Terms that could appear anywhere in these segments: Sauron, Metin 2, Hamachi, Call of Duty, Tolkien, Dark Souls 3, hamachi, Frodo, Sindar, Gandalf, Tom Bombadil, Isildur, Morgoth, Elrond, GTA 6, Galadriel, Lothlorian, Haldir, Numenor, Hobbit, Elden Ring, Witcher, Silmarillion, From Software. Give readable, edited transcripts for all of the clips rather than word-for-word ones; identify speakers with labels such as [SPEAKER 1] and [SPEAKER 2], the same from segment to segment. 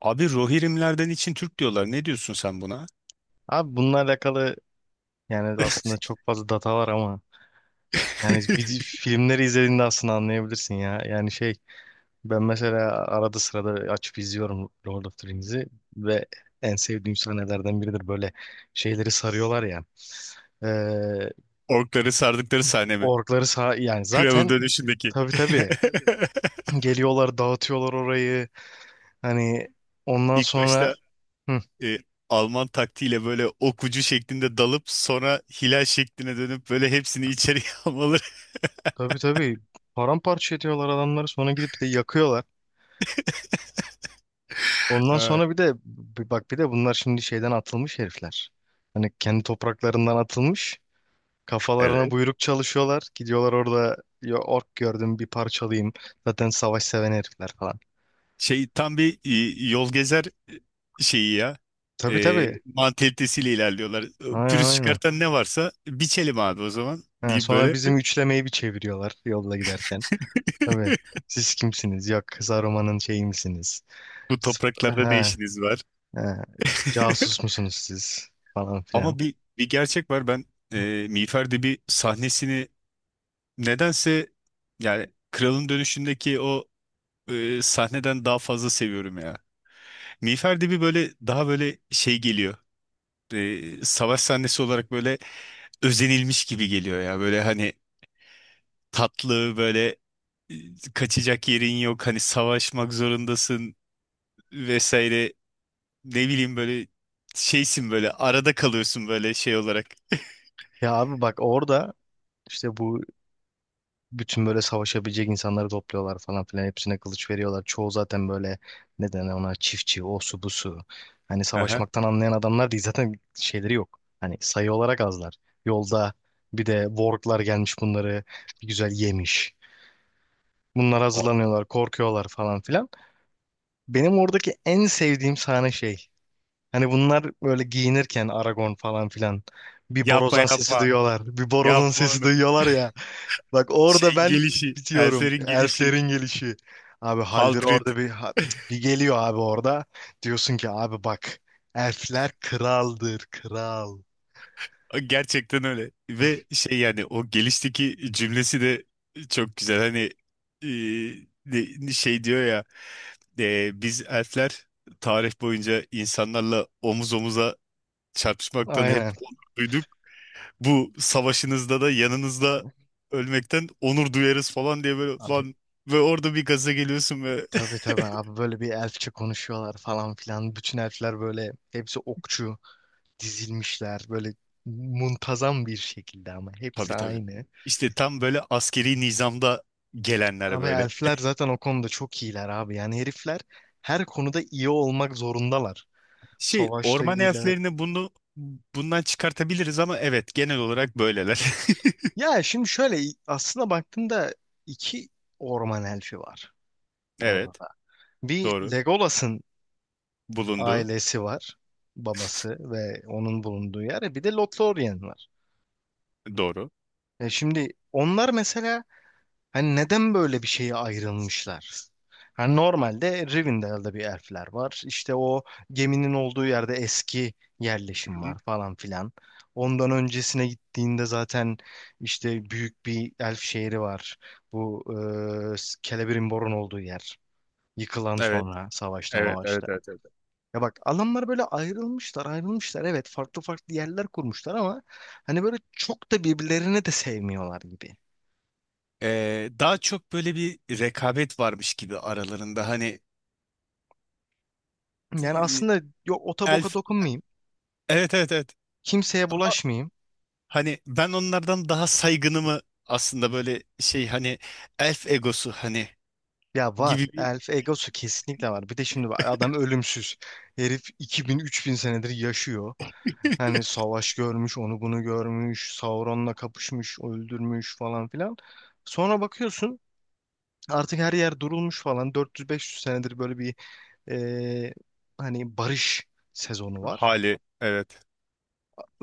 [SPEAKER 1] Abi Rohirrimlerden için Türk diyorlar. Ne diyorsun sen buna?
[SPEAKER 2] Abi bununla alakalı yani aslında çok fazla data var ama yani filmleri izlediğinde aslında anlayabilirsin ya. Yani şey, ben mesela arada sırada açıp izliyorum Lord of the Rings'i ve en sevdiğim sahnelerden biridir böyle şeyleri sarıyorlar ya. Ee,
[SPEAKER 1] Orkları sardıkları sahne mi?
[SPEAKER 2] Orkları sağ yani
[SPEAKER 1] Kralın
[SPEAKER 2] zaten,
[SPEAKER 1] dönüşündeki.
[SPEAKER 2] tabii tabii, geliyorlar dağıtıyorlar orayı hani ondan
[SPEAKER 1] İlk
[SPEAKER 2] sonra.
[SPEAKER 1] başta
[SPEAKER 2] Hı,
[SPEAKER 1] e, Alman taktiğiyle böyle ok ucu şeklinde dalıp sonra hilal şekline dönüp böyle hepsini içeriye almaları.
[SPEAKER 2] tabii tabii, paramparça ediyorlar adamları sonra gidip de yakıyorlar. Ondan
[SPEAKER 1] Ha,
[SPEAKER 2] sonra bir de bir bak bir de bunlar şimdi şeyden atılmış herifler. Hani kendi topraklarından atılmış. Kafalarına
[SPEAKER 1] evet.
[SPEAKER 2] buyruk çalışıyorlar. Gidiyorlar orada ya, ork gördüm bir parçalayayım. Zaten savaş seven herifler falan.
[SPEAKER 1] Şey tam bir yol gezer şeyi ya.
[SPEAKER 2] Tabii
[SPEAKER 1] E,
[SPEAKER 2] tabii.
[SPEAKER 1] mantalitesiyle ilerliyorlar.
[SPEAKER 2] Aynen
[SPEAKER 1] Pürüz
[SPEAKER 2] aynen.
[SPEAKER 1] çıkartan ne varsa biçelim abi o zaman
[SPEAKER 2] Ha,
[SPEAKER 1] deyip
[SPEAKER 2] sonra
[SPEAKER 1] böyle
[SPEAKER 2] bizim üçlemeyi bir çeviriyorlar yolda giderken. Tabii. Siz kimsiniz? Yok, Saruman'ın şeyi misiniz?
[SPEAKER 1] bu
[SPEAKER 2] Siz-
[SPEAKER 1] topraklarda ne
[SPEAKER 2] Ha,
[SPEAKER 1] işiniz var?
[SPEAKER 2] ha, casus musunuz siz? Falan filan.
[SPEAKER 1] Ama bir gerçek var. Ben Miğfer Dibi sahnesini nedense yani Kralın Dönüşü'ndeki o sahneden daha fazla seviyorum ya. Miğfer Dibi böyle daha böyle şey geliyor. Savaş sahnesi olarak böyle özenilmiş gibi geliyor ya. Böyle hani tatlı böyle kaçacak yerin yok. Hani savaşmak zorundasın vesaire. Ne bileyim böyle şeysin böyle arada kalıyorsun böyle şey olarak.
[SPEAKER 2] Ya abi bak orada, işte bu bütün böyle savaşabilecek insanları topluyorlar falan filan. Hepsine kılıç veriyorlar. Çoğu zaten böyle, ne denir ona, çiftçi, o su bu su. Hani
[SPEAKER 1] Aha.
[SPEAKER 2] savaşmaktan anlayan adamlar değil zaten, şeyleri yok. Hani sayı olarak azlar. Yolda bir de warglar gelmiş, bunları bir güzel yemiş. Bunlar
[SPEAKER 1] O-
[SPEAKER 2] hazırlanıyorlar, korkuyorlar falan filan. Benim oradaki en sevdiğim sahne şey. Hani bunlar böyle giyinirken Aragon falan filan, bir
[SPEAKER 1] Yapma
[SPEAKER 2] borazan sesi
[SPEAKER 1] yapma.
[SPEAKER 2] duyuyorlar. Bir borazan
[SPEAKER 1] Yapma
[SPEAKER 2] sesi
[SPEAKER 1] onu.
[SPEAKER 2] duyuyorlar ya. Bak orada
[SPEAKER 1] Şeyin
[SPEAKER 2] ben
[SPEAKER 1] gelişi,
[SPEAKER 2] bitiyorum.
[SPEAKER 1] Elser'in gelişi,
[SPEAKER 2] Elflerin gelişi. Abi Haldir
[SPEAKER 1] Haldred
[SPEAKER 2] orada bir geliyor abi orada. Diyorsun ki abi bak, elfler kraldır kral.
[SPEAKER 1] gerçekten öyle. Ve şey yani o gelişteki cümlesi de çok güzel. Hani e, şey diyor ya biz elfler tarih boyunca insanlarla omuz omuza çarpışmaktan hep
[SPEAKER 2] Aynen.
[SPEAKER 1] onur duyduk. Bu savaşınızda da yanınızda ölmekten onur duyarız falan diye böyle
[SPEAKER 2] Abi
[SPEAKER 1] falan ve orada bir gaza geliyorsun.
[SPEAKER 2] tabii tabii abi, böyle bir elfçe konuşuyorlar falan filan. Bütün elfler böyle, hepsi okçu, dizilmişler böyle muntazam bir şekilde ama hepsi
[SPEAKER 1] Tabii, tabii.
[SPEAKER 2] aynı.
[SPEAKER 1] İşte tam böyle askeri nizamda gelenler
[SPEAKER 2] Abi
[SPEAKER 1] böyle.
[SPEAKER 2] elfler zaten o konuda çok iyiler abi. Yani herifler her konuda iyi olmak zorundalar.
[SPEAKER 1] Şey
[SPEAKER 2] Savaşta
[SPEAKER 1] orman
[SPEAKER 2] iyiler.
[SPEAKER 1] elflerini bunu bundan çıkartabiliriz ama evet genel olarak böyleler.
[SPEAKER 2] Ya şimdi şöyle, aslında baktığımda iki orman elfi var orada
[SPEAKER 1] Evet,
[SPEAKER 2] da. Bir
[SPEAKER 1] doğru.
[SPEAKER 2] Legolas'ın
[SPEAKER 1] Bulundu.
[SPEAKER 2] ailesi var. Babası ve onun bulunduğu yer. Bir de Lothlorian var.
[SPEAKER 1] Doğru.
[SPEAKER 2] Şimdi onlar mesela, hani neden böyle bir şeye ayrılmışlar? Hani normalde Rivendell'da bir elfler var. İşte o geminin olduğu yerde eski
[SPEAKER 1] Hı
[SPEAKER 2] yerleşim
[SPEAKER 1] hı.
[SPEAKER 2] var falan filan. Ondan öncesine gittiğinde zaten işte büyük bir elf şehri var. Bu e, Celebrimbor'un olduğu yer. Yıkılan,
[SPEAKER 1] Evet.
[SPEAKER 2] sonra savaşta
[SPEAKER 1] Evet, evet,
[SPEAKER 2] mavaşta.
[SPEAKER 1] evet, evet.
[SPEAKER 2] Ya bak, adamlar böyle ayrılmışlar ayrılmışlar. Evet, farklı farklı yerler kurmuşlar ama hani böyle çok da birbirlerini de sevmiyorlar gibi.
[SPEAKER 1] Daha çok böyle bir rekabet varmış gibi aralarında hani
[SPEAKER 2] Yani
[SPEAKER 1] e,
[SPEAKER 2] aslında, yok, ota boka
[SPEAKER 1] elf,
[SPEAKER 2] dokunmayayım.
[SPEAKER 1] evet, evet, evet,
[SPEAKER 2] Kimseye
[SPEAKER 1] ama
[SPEAKER 2] bulaşmayayım.
[SPEAKER 1] hani ben onlardan daha saygınımı aslında böyle şey hani elf egosu hani
[SPEAKER 2] Ya var.
[SPEAKER 1] gibi bir
[SPEAKER 2] Elf egosu kesinlikle var. Bir de şimdi bak, adam ölümsüz. Herif 2000-3000 senedir yaşıyor. Hani savaş görmüş, onu bunu görmüş, Sauron'la kapışmış, öldürmüş falan filan. Sonra bakıyorsun artık her yer durulmuş falan. 400-500 senedir böyle bir e, hani barış sezonu var.
[SPEAKER 1] hali, evet.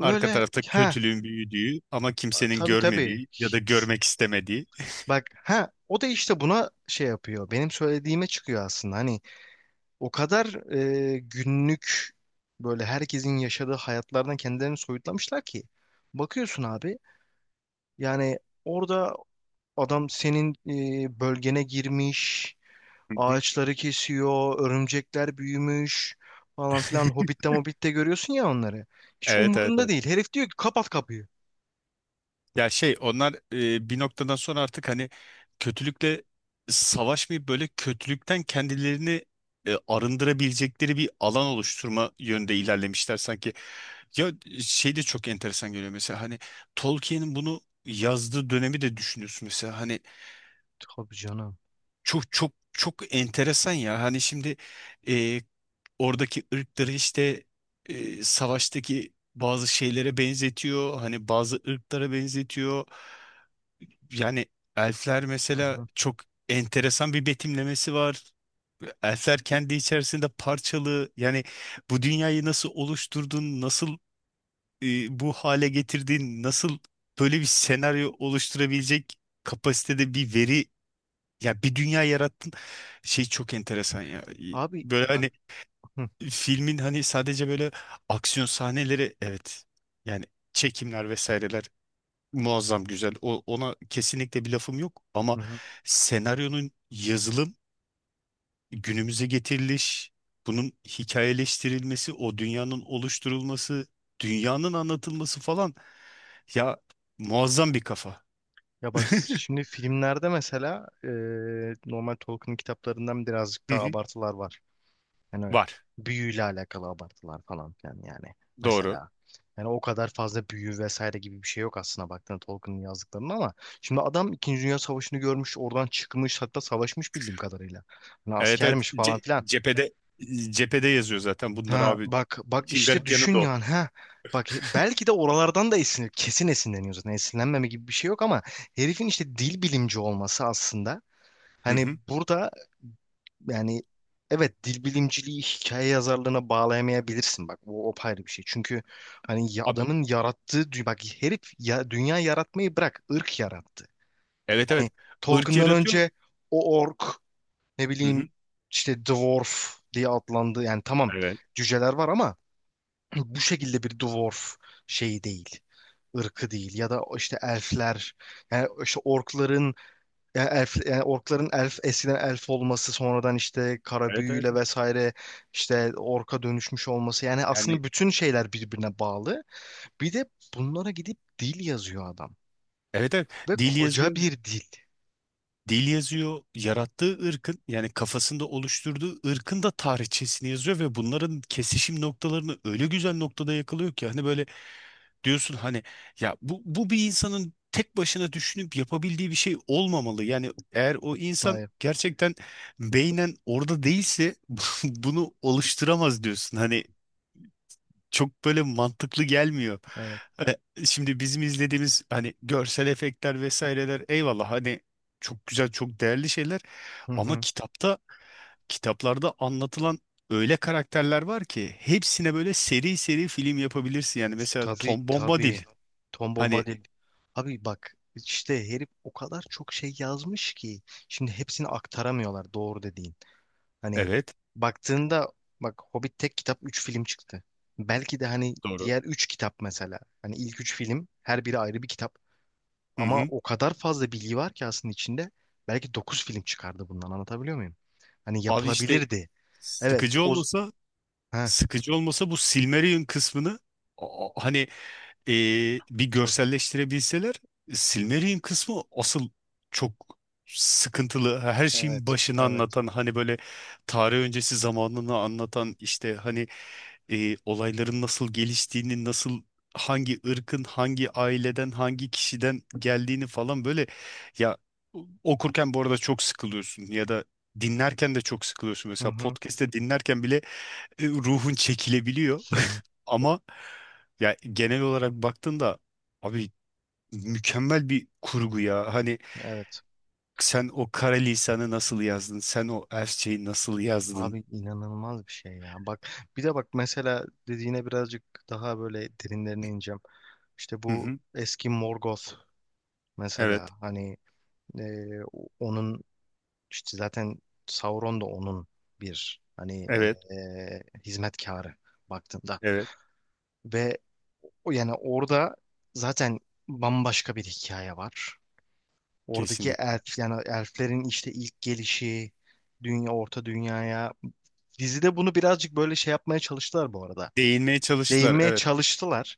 [SPEAKER 1] Arka tarafta
[SPEAKER 2] ha
[SPEAKER 1] kötülüğün büyüdüğü ama kimsenin
[SPEAKER 2] tabii tabii.
[SPEAKER 1] görmediği ya da görmek istemediği.
[SPEAKER 2] Bak ha, o da işte buna şey yapıyor. Benim söylediğime çıkıyor aslında. Hani o kadar günlük, böyle herkesin yaşadığı hayatlardan kendilerini soyutlamışlar ki. Bakıyorsun abi, yani orada adam senin bölgene girmiş,
[SPEAKER 1] Hı hı.
[SPEAKER 2] ağaçları kesiyor, örümcekler büyümüş falan filan. Hobbit'te Mobbit'te görüyorsun ya onları. Hiç
[SPEAKER 1] Evet, evet.
[SPEAKER 2] umurunda
[SPEAKER 1] Evet.
[SPEAKER 2] değil. Herif diyor ki, kapat kapıyı.
[SPEAKER 1] Ya şey onlar bir noktadan sonra artık hani kötülükle savaşmayıp böyle kötülükten kendilerini arındırabilecekleri bir alan oluşturma yönde ilerlemişler sanki. Ya şey de çok enteresan geliyor mesela hani Tolkien'in bunu yazdığı dönemi de düşünüyorsun mesela hani
[SPEAKER 2] Tabii canım.
[SPEAKER 1] çok çok çok enteresan ya hani şimdi e, oradaki ırkları işte savaştaki bazı şeylere benzetiyor hani bazı ırklara benzetiyor. Yani elfler
[SPEAKER 2] Hı
[SPEAKER 1] mesela
[SPEAKER 2] hı.
[SPEAKER 1] çok enteresan bir betimlemesi var. Elfler kendi içerisinde parçalı. Yani bu dünyayı nasıl oluşturdun, nasıl bu hale getirdin, nasıl böyle bir senaryo oluşturabilecek kapasitede bir veri, ya bir dünya yarattın. Şey çok enteresan ya.
[SPEAKER 2] Abi
[SPEAKER 1] Böyle
[SPEAKER 2] bak.
[SPEAKER 1] hani
[SPEAKER 2] Hı
[SPEAKER 1] filmin hani sadece böyle aksiyon sahneleri evet. Yani çekimler vesaireler muazzam güzel. Ona kesinlikle bir lafım yok ama
[SPEAKER 2] hı. Hı.
[SPEAKER 1] senaryonun yazılım, günümüze getiriliş, bunun hikayeleştirilmesi, o dünyanın oluşturulması, dünyanın anlatılması falan ya muazzam bir kafa.
[SPEAKER 2] Ya bak şimdi filmlerde mesela normal Tolkien kitaplarından birazcık
[SPEAKER 1] Hı
[SPEAKER 2] daha
[SPEAKER 1] hı,
[SPEAKER 2] abartılar var. Yani öyle
[SPEAKER 1] var.
[SPEAKER 2] büyüyle alakalı abartılar falan filan yani.
[SPEAKER 1] Doğru.
[SPEAKER 2] Mesela yani o kadar fazla büyü vesaire gibi bir şey yok aslında baktığında Tolkien'in yazdıklarında ama şimdi adam İkinci Dünya Savaşı'nı görmüş, oradan çıkmış, hatta savaşmış bildiğim kadarıyla. Hani
[SPEAKER 1] Evet, evet.
[SPEAKER 2] askermiş falan
[SPEAKER 1] Ce-
[SPEAKER 2] filan.
[SPEAKER 1] cephede cephede yazıyor zaten bunları
[SPEAKER 2] Ha
[SPEAKER 1] abi.
[SPEAKER 2] bak bak
[SPEAKER 1] İçin
[SPEAKER 2] işte
[SPEAKER 1] garip yanı da
[SPEAKER 2] düşün
[SPEAKER 1] o.
[SPEAKER 2] yani ha. Bak belki de oralardan da esinlenir. Kesin esinleniyor zaten. Esinlenmeme gibi bir şey yok ama herifin işte dil bilimci olması aslında,
[SPEAKER 1] Hı
[SPEAKER 2] hani
[SPEAKER 1] hı.
[SPEAKER 2] burada, yani evet, dil bilimciliği hikaye yazarlığına bağlayamayabilirsin bak, bu o ayrı bir şey. Çünkü hani
[SPEAKER 1] Abi,
[SPEAKER 2] adamın yarattığı bak herif ya, dünya yaratmayı bırak, ırk yarattı.
[SPEAKER 1] evet, evet.
[SPEAKER 2] Hani
[SPEAKER 1] Irk
[SPEAKER 2] Tolkien'dan
[SPEAKER 1] yaratıyor.
[SPEAKER 2] önce o ork, ne
[SPEAKER 1] Hı
[SPEAKER 2] bileyim,
[SPEAKER 1] hı.
[SPEAKER 2] işte dwarf diye adlandı yani, tamam,
[SPEAKER 1] Evet.
[SPEAKER 2] cüceler var ama bu şekilde bir dwarf şeyi değil, ırkı değil, ya da işte elfler, yani işte orkların, yani elf, yani orkların elf, eskiden elf olması, sonradan işte kara
[SPEAKER 1] Evet, evet.
[SPEAKER 2] büyüyle
[SPEAKER 1] Evet.
[SPEAKER 2] vesaire işte orka dönüşmüş olması, yani
[SPEAKER 1] Yani
[SPEAKER 2] aslında bütün şeyler birbirine bağlı. Bir de bunlara gidip dil yazıyor adam,
[SPEAKER 1] evet, evet.
[SPEAKER 2] ve
[SPEAKER 1] Dil
[SPEAKER 2] koca
[SPEAKER 1] yazıyor.
[SPEAKER 2] bir dil.
[SPEAKER 1] Dil yazıyor, yarattığı ırkın yani kafasında oluşturduğu ırkın da tarihçesini yazıyor ve bunların kesişim noktalarını öyle güzel noktada yakalıyor ki hani böyle diyorsun hani ya bu bir insanın tek başına düşünüp yapabildiği bir şey olmamalı. Yani eğer o insan
[SPEAKER 2] Hayır,
[SPEAKER 1] gerçekten beynen orada değilse bunu oluşturamaz diyorsun. Hani çok böyle mantıklı gelmiyor.
[SPEAKER 2] evet.
[SPEAKER 1] Şimdi bizim izlediğimiz hani görsel efektler vesaireler eyvallah hani çok güzel çok değerli şeyler
[SPEAKER 2] Hı
[SPEAKER 1] ama
[SPEAKER 2] hı.
[SPEAKER 1] kitaplarda anlatılan öyle karakterler var ki hepsine böyle seri seri film yapabilirsin yani mesela
[SPEAKER 2] Tabii
[SPEAKER 1] Tom Bombadil
[SPEAKER 2] tabii. Tom
[SPEAKER 1] hani
[SPEAKER 2] Bombadil. Abi bak işte herif o kadar çok şey yazmış ki, şimdi hepsini aktaramıyorlar, doğru dediğin. Hani
[SPEAKER 1] evet,
[SPEAKER 2] baktığında, bak, Hobbit tek kitap, 3 film çıktı. Belki de hani
[SPEAKER 1] doğru,
[SPEAKER 2] diğer 3 kitap mesela. Hani ilk 3 film her biri ayrı bir kitap.
[SPEAKER 1] hı
[SPEAKER 2] Ama
[SPEAKER 1] hı.
[SPEAKER 2] o kadar fazla bilgi var ki aslında içinde. Belki 9 film çıkardı bundan, anlatabiliyor muyum? Hani
[SPEAKER 1] Abi işte
[SPEAKER 2] yapılabilirdi. Evet
[SPEAKER 1] sıkıcı
[SPEAKER 2] o...
[SPEAKER 1] olmasa
[SPEAKER 2] Heh,
[SPEAKER 1] sıkıcı olmasa bu Silmarillion kısmını hani e, bir
[SPEAKER 2] tabii.
[SPEAKER 1] görselleştirebilseler. Silmarillion kısmı asıl çok sıkıntılı. Her şeyin
[SPEAKER 2] Evet.
[SPEAKER 1] başını
[SPEAKER 2] Evet.
[SPEAKER 1] anlatan hani böyle tarih öncesi zamanını anlatan işte hani olayların nasıl geliştiğini nasıl hangi ırkın hangi aileden hangi kişiden geldiğini falan böyle ya okurken bu arada çok sıkılıyorsun ya da dinlerken de çok sıkılıyorsun.
[SPEAKER 2] Hı
[SPEAKER 1] Mesela
[SPEAKER 2] hı.
[SPEAKER 1] podcast'te dinlerken bile ruhun çekilebiliyor. Ama ya genel olarak baktığında abi mükemmel bir kurgu ya. Hani
[SPEAKER 2] Evet.
[SPEAKER 1] sen o kara lisanı nasıl yazdın? Sen o Elfçeyi nasıl yazdın?
[SPEAKER 2] Abi inanılmaz bir şey ya. Bak bir de bak mesela dediğine birazcık daha böyle derinlerine ineceğim. İşte
[SPEAKER 1] Hı
[SPEAKER 2] bu
[SPEAKER 1] hı.
[SPEAKER 2] eski Morgoth mesela
[SPEAKER 1] Evet.
[SPEAKER 2] hani. Ee, onun işte zaten Sauron da onun bir hani
[SPEAKER 1] Evet.
[SPEAKER 2] hizmetkarı baktığında,
[SPEAKER 1] Evet.
[SPEAKER 2] ve o yani orada zaten bambaşka bir hikaye var. Oradaki
[SPEAKER 1] Kesinlikle.
[SPEAKER 2] elf, yani elflerin işte ilk gelişi dünya orta dünyaya, dizide bunu birazcık böyle şey yapmaya çalıştılar bu arada.
[SPEAKER 1] Değinmeye çalıştılar.
[SPEAKER 2] Değinmeye
[SPEAKER 1] Evet.
[SPEAKER 2] çalıştılar.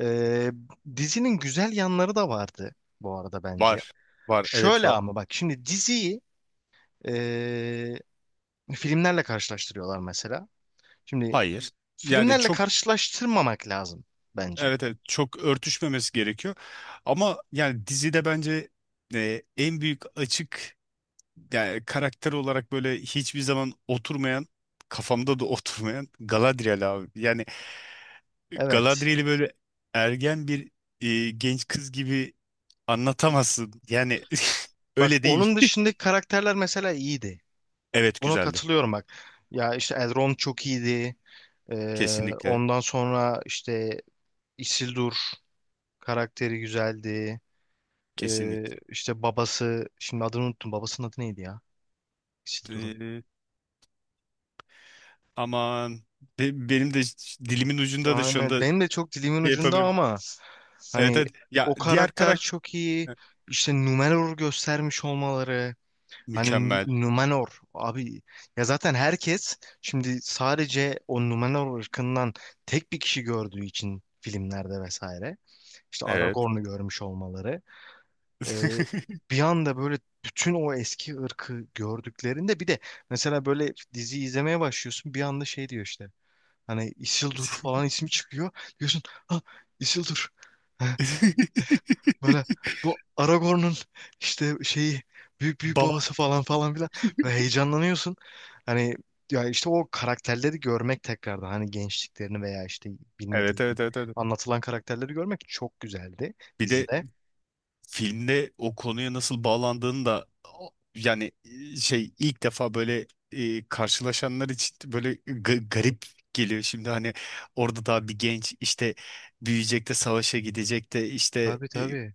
[SPEAKER 2] Ee, dizinin güzel yanları da vardı bu arada
[SPEAKER 1] Var.
[SPEAKER 2] bence.
[SPEAKER 1] Var. Evet,
[SPEAKER 2] Şöyle
[SPEAKER 1] var.
[SPEAKER 2] ama bak şimdi diziyi ee, filmlerle karşılaştırıyorlar mesela. Şimdi
[SPEAKER 1] Hayır. Yani
[SPEAKER 2] filmlerle
[SPEAKER 1] çok,
[SPEAKER 2] karşılaştırmamak lazım bence.
[SPEAKER 1] evet, evet, çok örtüşmemesi gerekiyor. Ama yani dizide bence en büyük açık yani karakter olarak böyle hiçbir zaman oturmayan, kafamda da oturmayan Galadriel abi. Yani
[SPEAKER 2] Evet.
[SPEAKER 1] Galadriel'i böyle ergen bir genç kız gibi anlatamazsın. Yani
[SPEAKER 2] Bak
[SPEAKER 1] öyle değil.
[SPEAKER 2] onun dışındaki karakterler mesela iyiydi.
[SPEAKER 1] Evet,
[SPEAKER 2] Buna
[SPEAKER 1] güzeldi.
[SPEAKER 2] katılıyorum bak. Ya işte Elrond çok iyiydi.
[SPEAKER 1] Kesinlikle,
[SPEAKER 2] Ondan sonra işte Isildur karakteri güzeldi.
[SPEAKER 1] kesinlikle.
[SPEAKER 2] İşte babası, şimdi adını unuttum. Babasının adı neydi ya? Isildur'un.
[SPEAKER 1] Ee, aman benim de dilimin ucunda da şu
[SPEAKER 2] Aynen.
[SPEAKER 1] anda
[SPEAKER 2] Benim de çok dilimin
[SPEAKER 1] şey
[SPEAKER 2] ucunda
[SPEAKER 1] yapamıyorum.
[SPEAKER 2] ama,
[SPEAKER 1] Evet,
[SPEAKER 2] hani
[SPEAKER 1] evet. Ya
[SPEAKER 2] o
[SPEAKER 1] diğer
[SPEAKER 2] karakter
[SPEAKER 1] karakter
[SPEAKER 2] çok iyi. İşte Numenor göstermiş olmaları. Hani
[SPEAKER 1] mükemmel.
[SPEAKER 2] Numenor abi, ya zaten herkes şimdi sadece o Numenor ırkından tek bir kişi gördüğü için filmlerde vesaire, işte
[SPEAKER 1] Evet.
[SPEAKER 2] Aragorn'u görmüş olmaları, e, bir anda böyle bütün o eski ırkı gördüklerinde bir de, mesela böyle dizi izlemeye başlıyorsun bir anda şey diyor işte, hani Isildur falan ismi çıkıyor, diyorsun ha, Isildur böyle, bu Aragorn'un işte şeyi, büyük büyük
[SPEAKER 1] Baba.
[SPEAKER 2] babası falan falan filan, böyle heyecanlanıyorsun. Hani ya işte o karakterleri görmek tekrardan, hani gençliklerini veya işte
[SPEAKER 1] Evet,
[SPEAKER 2] bilmediğin
[SPEAKER 1] evet, evet, evet.
[SPEAKER 2] anlatılan karakterleri görmek çok güzeldi
[SPEAKER 1] Bir de
[SPEAKER 2] dizide.
[SPEAKER 1] filmde o konuya nasıl bağlandığını da yani şey ilk defa böyle karşılaşanlar için böyle garip geliyor. Şimdi hani orada daha bir genç işte büyüyecek de savaşa gidecek de işte
[SPEAKER 2] Tabii tabii.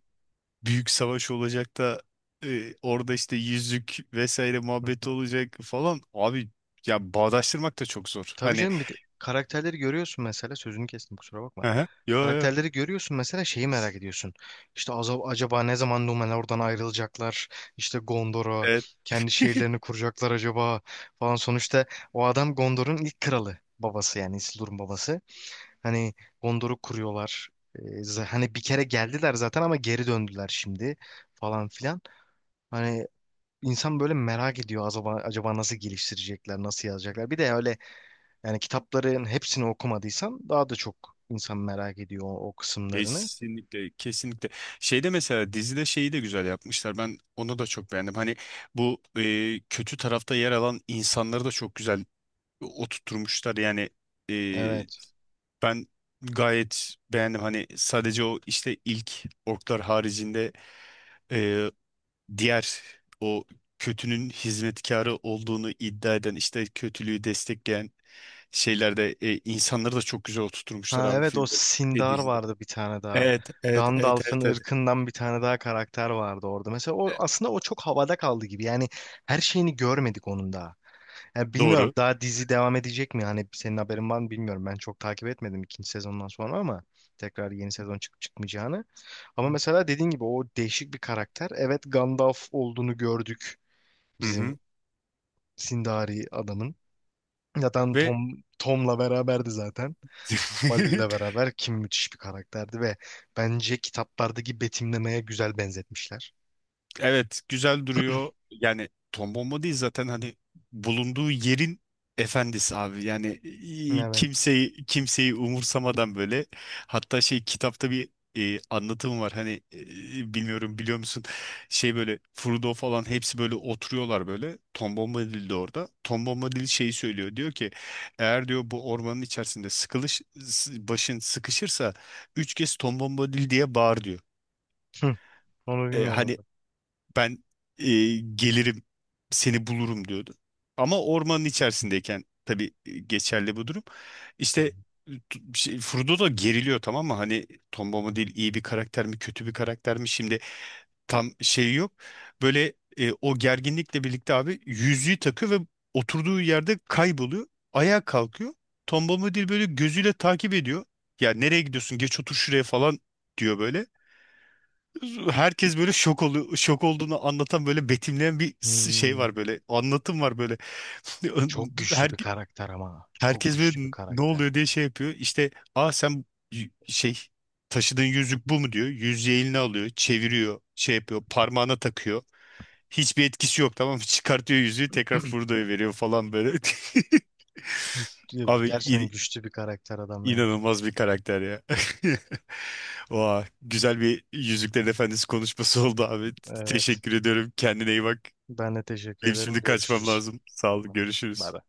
[SPEAKER 1] büyük savaş olacak da orada işte yüzük vesaire
[SPEAKER 2] Hı
[SPEAKER 1] muhabbeti
[SPEAKER 2] hı.
[SPEAKER 1] olacak falan. Abi ya bağdaştırmak da çok zor.
[SPEAKER 2] Tabii
[SPEAKER 1] Hani.
[SPEAKER 2] canım, bir de karakterleri görüyorsun mesela, sözünü kestim kusura bakma.
[SPEAKER 1] Hı hı. Yo,
[SPEAKER 2] Karakterleri görüyorsun mesela, şeyi merak ediyorsun. İşte acaba ne zaman Numenor oradan ayrılacaklar? İşte Gondor'a
[SPEAKER 1] yo.
[SPEAKER 2] kendi şehirlerini kuracaklar acaba falan. Sonuçta o adam Gondor'un ilk kralı, babası yani, Isildur'un babası. Hani Gondor'u kuruyorlar. Hani bir kere geldiler zaten ama geri döndüler şimdi falan filan. Hani insan böyle merak ediyor, acaba, acaba nasıl geliştirecekler, nasıl yazacaklar. Bir de öyle, yani kitapların hepsini okumadıysan daha da çok insan merak ediyor o, o kısımlarını.
[SPEAKER 1] Kesinlikle, kesinlikle. Şeyde mesela dizide şeyi de güzel yapmışlar. Ben onu da çok beğendim. Hani bu kötü tarafta yer alan insanları da çok güzel oturtmuşlar. Yani e,
[SPEAKER 2] Evet.
[SPEAKER 1] ben gayet beğendim. Hani sadece o işte ilk orklar haricinde e, diğer o kötünün hizmetkarı olduğunu iddia eden işte kötülüğü destekleyen şeylerde insanları da çok güzel oturtmuşlar
[SPEAKER 2] Ha
[SPEAKER 1] abi
[SPEAKER 2] evet, o
[SPEAKER 1] filmde ve
[SPEAKER 2] Sindar
[SPEAKER 1] dizide.
[SPEAKER 2] vardı bir tane daha.
[SPEAKER 1] Evet, evet, evet,
[SPEAKER 2] Gandalf'ın
[SPEAKER 1] evet, evet.
[SPEAKER 2] ırkından bir tane daha karakter vardı orada. Mesela o
[SPEAKER 1] E,
[SPEAKER 2] aslında o çok havada kaldı gibi. Yani her şeyini görmedik onun daha. Yani bilmiyorum,
[SPEAKER 1] Doğru.
[SPEAKER 2] daha dizi devam edecek mi? Hani senin haberin var mı bilmiyorum. Ben çok takip etmedim ikinci sezondan sonra ama tekrar yeni sezon çıkıp çıkmayacağını. Ama mesela dediğin gibi o değişik bir karakter. Evet, Gandalf olduğunu gördük
[SPEAKER 1] Hı
[SPEAKER 2] bizim
[SPEAKER 1] hı.
[SPEAKER 2] Sindari adamın. Zaten
[SPEAKER 1] Ve
[SPEAKER 2] Tom'la beraberdi zaten. Basil'le beraber kim, müthiş bir karakterdi ve bence kitaplardaki betimlemeye güzel benzetmişler.
[SPEAKER 1] evet, güzel duruyor. Yani Tom Bomba değil zaten hani bulunduğu yerin efendisi abi. Yani
[SPEAKER 2] Evet.
[SPEAKER 1] kimseyi kimseyi umursamadan böyle. Hatta şey kitapta bir anlatım var. Hani bilmiyorum biliyor musun? Şey böyle Frodo falan hepsi böyle oturuyorlar böyle. Tom Bombadil de orada. Tom Bombadil şeyi söylüyor. Diyor ki eğer diyor bu ormanın içerisinde başın sıkışırsa üç kez Tom Bombadil diye bağır diyor.
[SPEAKER 2] Hı, onu
[SPEAKER 1] E,
[SPEAKER 2] bilmiyordum
[SPEAKER 1] hani
[SPEAKER 2] ben.
[SPEAKER 1] ben e, gelirim seni bulurum diyordu. Ama ormanın içerisindeyken tabii geçerli bu durum. İşte şey, Frodo da geriliyor tamam mı? Hani Tom mu iyi bir karakter mi kötü bir karakter mi şimdi tam şey yok. Böyle o gerginlikle birlikte abi yüzüğü takıyor ve oturduğu yerde kayboluyor. Ayağa kalkıyor. Tom Bombadil böyle gözüyle takip ediyor. Ya nereye gidiyorsun? Geç otur şuraya falan diyor böyle herkes böyle şok oluyor. Şok olduğunu anlatan böyle betimleyen bir şey
[SPEAKER 2] Hmm,
[SPEAKER 1] var böyle. Anlatım var böyle.
[SPEAKER 2] Çok güçlü
[SPEAKER 1] Her,
[SPEAKER 2] bir karakter ama. Çok
[SPEAKER 1] Herkes
[SPEAKER 2] güçlü bir
[SPEAKER 1] böyle ne
[SPEAKER 2] karakter.
[SPEAKER 1] oluyor diye şey yapıyor. İşte aa sen şey taşıdığın yüzük bu mu diyor. Yüzüğü eline alıyor, çeviriyor, şey yapıyor, parmağına takıyor. Hiçbir etkisi yok tamam mı? Çıkartıyor yüzüğü tekrar fırlıyor veriyor falan böyle. Abi,
[SPEAKER 2] Gerçekten güçlü bir karakter adam ya.
[SPEAKER 1] İnanılmaz bir karakter ya. Vay, güzel bir Yüzüklerin Efendisi konuşması oldu abi.
[SPEAKER 2] Evet.
[SPEAKER 1] Teşekkür ediyorum. Kendine iyi bak.
[SPEAKER 2] Ben de teşekkür
[SPEAKER 1] Benim
[SPEAKER 2] ederim.
[SPEAKER 1] şimdi kaçmam
[SPEAKER 2] Görüşürüz.
[SPEAKER 1] lazım. Sağ ol,
[SPEAKER 2] Tamam. Bay
[SPEAKER 1] görüşürüz.
[SPEAKER 2] bay.